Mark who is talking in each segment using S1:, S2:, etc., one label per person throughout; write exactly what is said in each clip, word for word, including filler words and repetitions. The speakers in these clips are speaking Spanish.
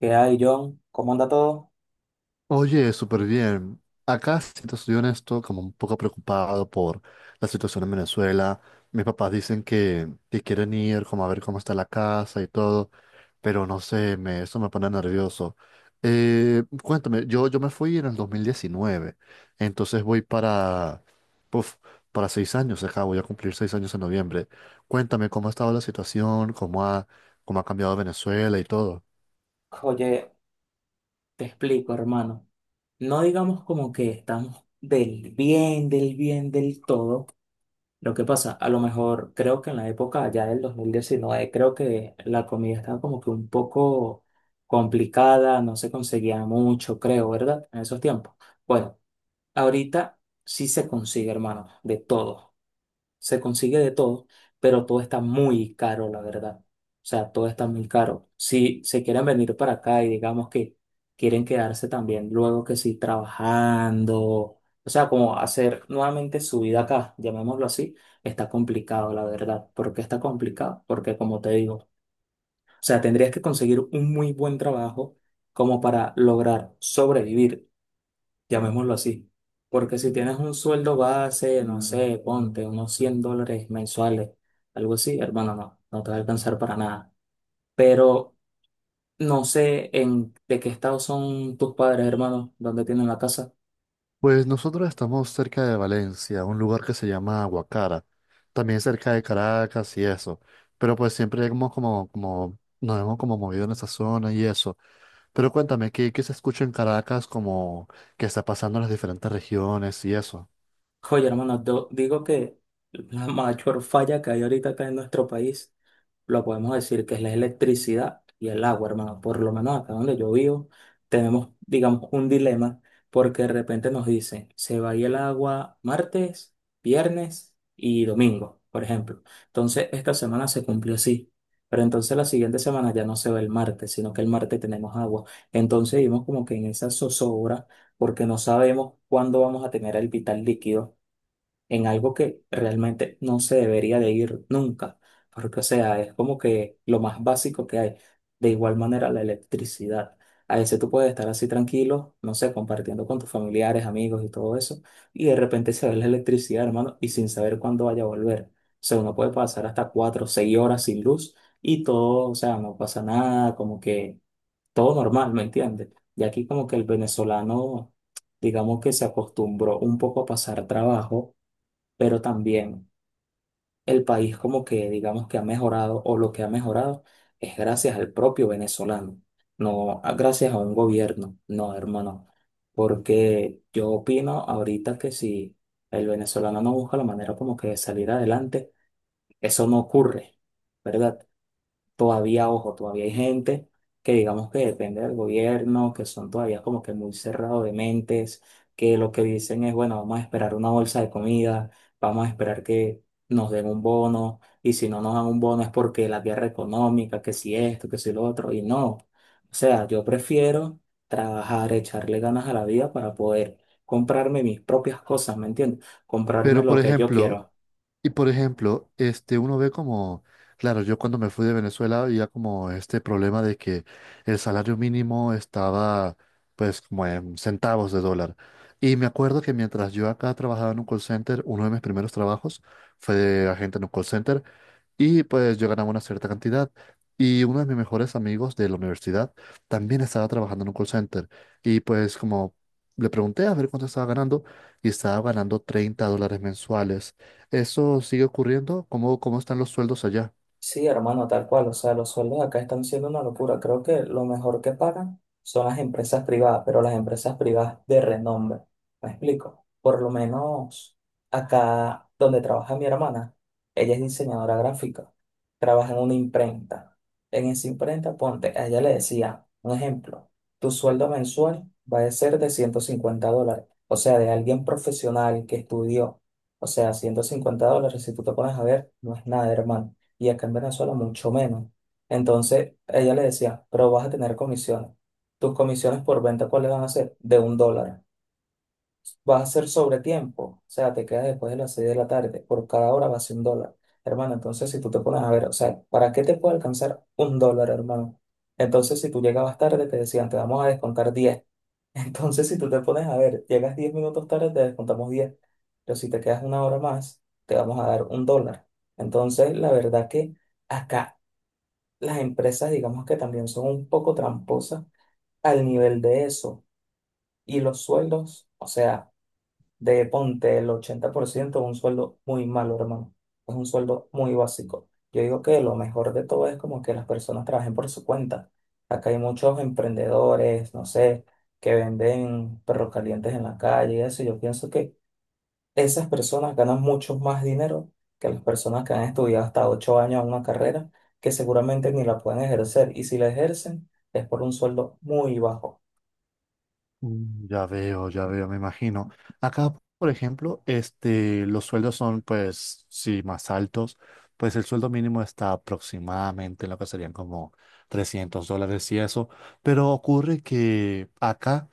S1: ¿Qué hay, John? ¿Cómo anda todo?
S2: Oye, súper bien. Acá, si te soy honesto, como un poco preocupado por la situación en Venezuela. Mis papás dicen que, que quieren ir, como a ver cómo está la casa y todo, pero no sé, me, eso me pone nervioso. Eh, cuéntame, yo, yo me fui en el dos mil diecinueve, entonces voy para, puf, para seis años acá, voy a cumplir seis años en noviembre. Cuéntame cómo ha estado la situación, cómo ha, cómo ha cambiado Venezuela y todo.
S1: Oye, te explico, hermano. No digamos como que estamos del bien, del bien, del todo. Lo que pasa, a lo mejor creo que en la época ya del dos mil diecinueve creo que la comida estaba como que un poco complicada, no se conseguía mucho, creo, ¿verdad? En esos tiempos. Bueno, ahorita sí se consigue, hermano, de todo. se consigue de todo, pero todo está muy caro, la verdad. O sea, todo está muy caro. Si se quieren venir para acá y digamos que quieren quedarse también luego que sí trabajando, o sea, como hacer nuevamente su vida acá, llamémoslo así, está complicado, la verdad. ¿Por qué está complicado? Porque como te digo, o sea, tendrías que conseguir un muy buen trabajo como para lograr sobrevivir, llamémoslo así. Porque si tienes un sueldo base, no sé, ponte unos cien dólares mensuales, algo así, hermano, no, no te va a alcanzar para nada. Pero no sé en de qué estado son tus padres, hermano, dónde tienen la casa.
S2: Pues nosotros estamos cerca de Valencia, un lugar que se llama Aguacara, también cerca de Caracas y eso, pero pues siempre hemos como, como, nos hemos como movido en esa zona y eso. Pero cuéntame, ¿qué, qué se escucha en Caracas como que está pasando en las diferentes regiones y eso?
S1: Oye, hermano, yo digo que la mayor falla que hay ahorita acá en nuestro país lo podemos decir que es la electricidad y el agua, hermano. Por lo menos acá donde yo vivo, tenemos, digamos, un dilema porque de repente nos dicen, se va a ir el agua martes, viernes y domingo, por ejemplo. Entonces, esta semana se cumplió así. Pero entonces la siguiente semana ya no se va el martes, sino que el martes tenemos agua. Entonces vivimos como que en esa zozobra porque no sabemos cuándo vamos a tener el vital líquido en algo que realmente no se debería de ir nunca, porque, o sea, es como que lo más básico que hay. De igual manera la electricidad. A veces tú puedes estar así tranquilo, no sé, compartiendo con tus familiares, amigos y todo eso, y de repente se ve la electricidad, hermano, y sin saber cuándo vaya a volver. O sea, uno puede pasar hasta cuatro o seis horas sin luz y todo, o sea, no pasa nada, como que todo normal, ¿me entiendes? Y aquí como que el venezolano, digamos que se acostumbró un poco a pasar trabajo, pero también el país como que digamos que ha mejorado, o lo que ha mejorado es gracias al propio venezolano, no a- gracias a un gobierno, no, hermano, porque yo opino ahorita que si el venezolano no busca la manera como que de salir adelante, eso no ocurre, ¿verdad? Todavía, ojo, todavía hay gente que digamos que depende del gobierno, que son todavía como que muy cerrados de mentes, que lo que dicen es, bueno, vamos a esperar una bolsa de comida, vamos a esperar que nos den un bono, y si no nos dan un bono es porque la guerra económica, que si esto, que si lo otro, y no. O sea, yo prefiero trabajar, echarle ganas a la vida para poder comprarme mis propias cosas, ¿me entiendes? Comprarme
S2: Pero
S1: lo
S2: por
S1: que yo
S2: ejemplo,
S1: quiero.
S2: Y por ejemplo, este, uno ve como, claro, yo cuando me fui de Venezuela había como este problema de que el salario mínimo estaba pues como en centavos de dólar. Y me acuerdo que mientras yo acá trabajaba en un call center, uno de mis primeros trabajos fue de agente en un call center, y pues yo ganaba una cierta cantidad. Y uno de mis mejores amigos de la universidad también estaba trabajando en un call center. Y pues como le pregunté a ver cuánto estaba ganando y estaba ganando treinta dólares mensuales. ¿Eso sigue ocurriendo? ¿Cómo, cómo están los sueldos allá?
S1: Sí, hermano, tal cual. O sea, los sueldos acá están siendo una locura. Creo que lo mejor que pagan son las empresas privadas, pero las empresas privadas de renombre. ¿Me explico? Por lo menos acá donde trabaja mi hermana, ella es diseñadora gráfica, trabaja en una imprenta. En esa imprenta, ponte, a ella le decía, un ejemplo, tu sueldo mensual va a ser de ciento cincuenta dólares. O sea, de alguien profesional que estudió. O sea, ciento cincuenta dólares, si tú te pones a ver, no es nada, hermano, y acá en Venezuela mucho menos. Entonces ella le decía, pero vas a tener comisiones. ¿Tus comisiones por venta cuáles van a ser? De un dólar. Vas a hacer sobre tiempo, o sea, te quedas después de las seis de la tarde, por cada hora va a ser un dólar. Hermano, entonces si tú te pones a ver, o sea, ¿para qué te puede alcanzar un dólar, hermano? Entonces si tú llegabas tarde, te decían, te vamos a descontar diez. Entonces si tú te pones a ver, llegas diez minutos tarde, te descontamos diez. Pero si te quedas una hora más, te vamos a dar un dólar. Entonces, la verdad que... Acá las empresas, digamos que también son un poco tramposas al nivel de eso. Y los sueldos, o sea, de ponte el ochenta por ciento es un sueldo muy malo, hermano. Es un sueldo muy básico. Yo digo que lo mejor de todo es como que las personas trabajen por su cuenta. Acá hay muchos emprendedores, no sé, que venden perros calientes en la calle y eso. Yo pienso que esas personas ganan mucho más dinero que las personas que han estudiado hasta ocho años una carrera que seguramente ni la pueden ejercer. Y si la ejercen, es por un sueldo muy bajo.
S2: Mm, ya veo, ya veo, me imagino. Acá, por ejemplo, este, los sueldos son, pues, sí, más altos. Pues el sueldo mínimo está aproximadamente en lo que serían como trescientos dólares y eso. Pero ocurre que acá,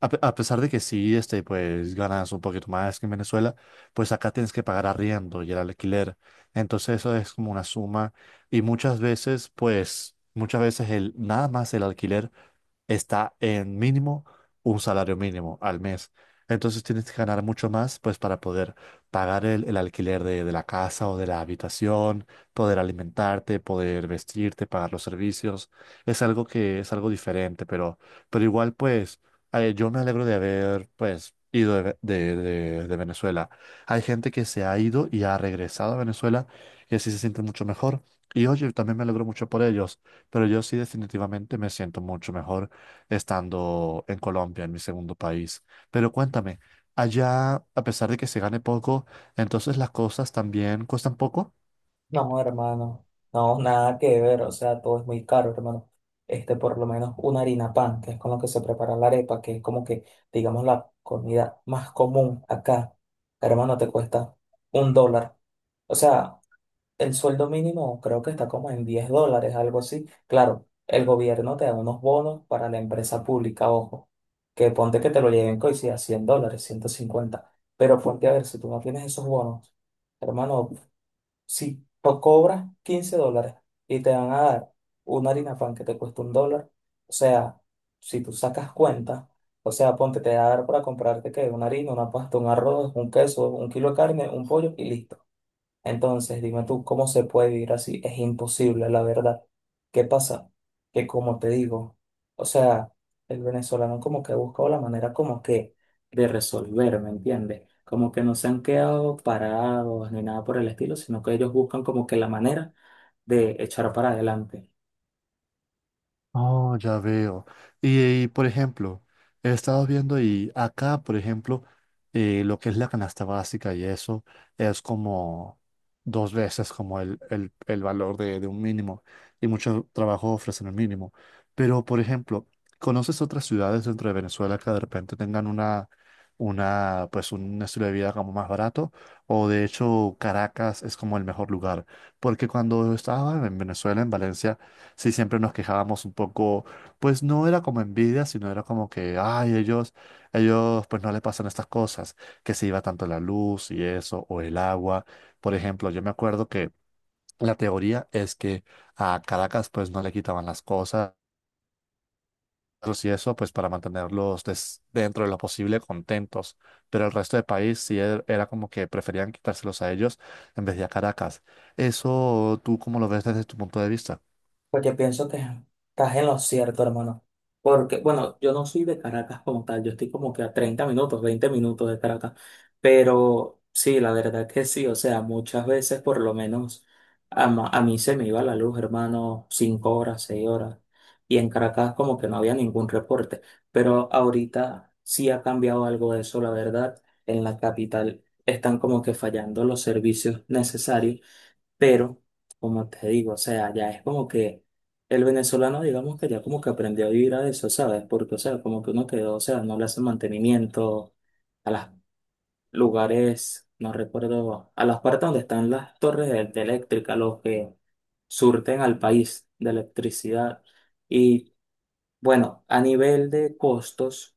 S2: a, pe- a pesar de que sí, este, pues, ganas un poquito más que en Venezuela, pues acá tienes que pagar arriendo y el alquiler. Entonces eso es como una suma. Y muchas veces, pues, muchas veces el, nada más el alquiler está en mínimo un salario mínimo al mes. Entonces tienes que ganar mucho más, pues para poder pagar el, el alquiler de, de la casa o de la habitación, poder alimentarte, poder vestirte, pagar los servicios. Es algo que es algo diferente, pero, pero igual pues eh, yo me alegro de haber pues ido de, Ve- de, de de Venezuela. Hay gente que se ha ido y ha regresado a Venezuela y así se siente mucho mejor. Y oye, también me alegro mucho por ellos, pero yo sí definitivamente me siento mucho mejor estando en Colombia, en mi segundo país. Pero cuéntame, allá, a pesar de que se gane poco, entonces las cosas también cuestan poco.
S1: No, hermano, no, nada que ver. O sea, todo es muy caro, hermano. Este, por lo menos una harina pan, que es con lo que se prepara la arepa, que es como que, digamos, la comida más común acá, hermano, te cuesta un dólar. O sea, el sueldo mínimo creo que está como en diez dólares, algo así. Claro, el gobierno te da unos bonos para la empresa pública, ojo, que ponte que te lo lleguen co- y si a cien dólares, ciento cincuenta. Pero ponte a ver, si tú no tienes esos bonos, hermano, si tú cobras quince dólares y te van a dar una harina pan que te cuesta un dólar, o sea, si tú sacas cuenta, o sea, ponte, te va a dar para comprarte que una harina, una pasta, un arroz, un queso, un kilo de carne, un pollo y listo. Entonces, dime tú, ¿cómo se puede vivir así? Es imposible, la verdad. ¿Qué pasa? Que como te digo, o sea, el venezolano como que ha buscado la manera como que de resolver, ¿me entiendes? Como que no se han quedado parados ni nada por el estilo, sino que ellos buscan como que la manera de echar para adelante.
S2: Oh, ya veo. Y, y, por ejemplo, he estado viendo y acá, por ejemplo, eh, lo que es la canasta básica y eso es como dos veces como el, el, el valor de, de un mínimo y mucho trabajo ofrecen el mínimo. Pero, por ejemplo, ¿conoces otras ciudades dentro de Venezuela que de repente tengan una, una, pues un estilo de vida como más barato? O de hecho, Caracas es como el mejor lugar. Porque cuando estaba en Venezuela, en Valencia, sí siempre nos quejábamos un poco, pues no era como envidia, sino era como que, ay, ellos, ellos pues no le pasan estas cosas, que se iba tanto la luz y eso, o el agua. Por ejemplo, yo me acuerdo que la teoría es que a Caracas pues no le quitaban las cosas y eso pues para mantenerlos des- dentro de lo posible contentos, pero el resto del país sí er- era como que preferían quitárselos a ellos en vez de a Caracas. ¿Eso tú cómo lo ves desde tu punto de vista?
S1: Pues yo pienso que estás en lo cierto, hermano. Porque, bueno, yo no soy de Caracas como tal, yo estoy como que a treinta minutos, veinte minutos de Caracas. Pero sí, la verdad que sí, o sea, muchas veces por lo menos a, ma- a mí se me iba la luz, hermano, cinco horas, seis horas. Y en Caracas como que no había ningún reporte. Pero ahorita sí ha cambiado algo de eso, la verdad. En la capital están como que fallando los servicios necesarios, pero, como te digo, o sea, ya es como que el venezolano, digamos que ya como que aprendió a vivir a eso, ¿sabes? Porque, o sea, como que uno quedó, o sea, no le hace mantenimiento a los lugares, no recuerdo, a las partes donde están las torres de, de eléctrica, los que surten al país de electricidad. Y bueno, a nivel de costos.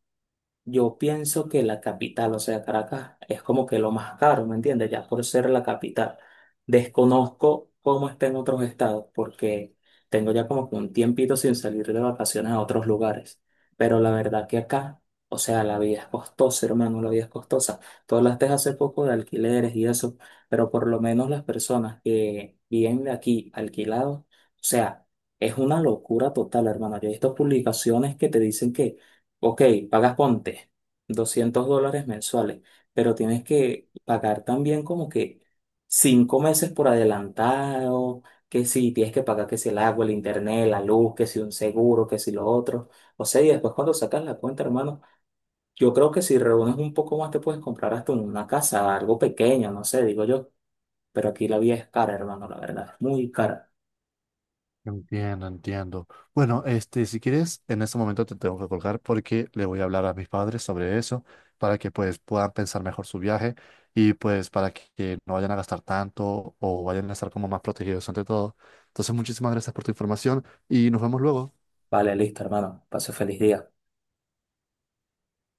S1: Yo pienso que la capital, o sea, Caracas, es como que lo más caro, ¿me entiendes? Ya por ser la capital. Desconozco cómo está en otros estados, porque tengo ya como que un tiempito sin salir de vacaciones a otros lugares. Pero la verdad que acá, o sea, la vida es costosa, hermano, la vida es costosa. Tú hablaste hace poco de alquileres y eso, pero por lo menos las personas que viven de aquí alquilados, o sea, es una locura total, hermano. Yo he visto publicaciones que te dicen que, ok, pagas ponte doscientos dólares mensuales, pero tienes que pagar también como que cinco meses por adelantado, que si tienes que pagar que si el agua, el internet, la luz, que si un seguro, que si lo otro. O sea, y después cuando sacas la cuenta, hermano, yo creo que si reúnes un poco más te puedes comprar hasta una casa, algo pequeño, no sé, digo yo. Pero aquí la vida es cara, hermano, la verdad, es muy cara.
S2: Entiendo, entiendo. Bueno, este, si quieres, en este momento te tengo que colgar porque le voy a hablar a mis padres sobre eso para que pues puedan pensar mejor su viaje y pues para que, que no vayan a gastar tanto o vayan a estar como más protegidos ante todo. Entonces, muchísimas gracias por tu información y nos vemos luego.
S1: Vale, listo, hermano. Pase feliz día.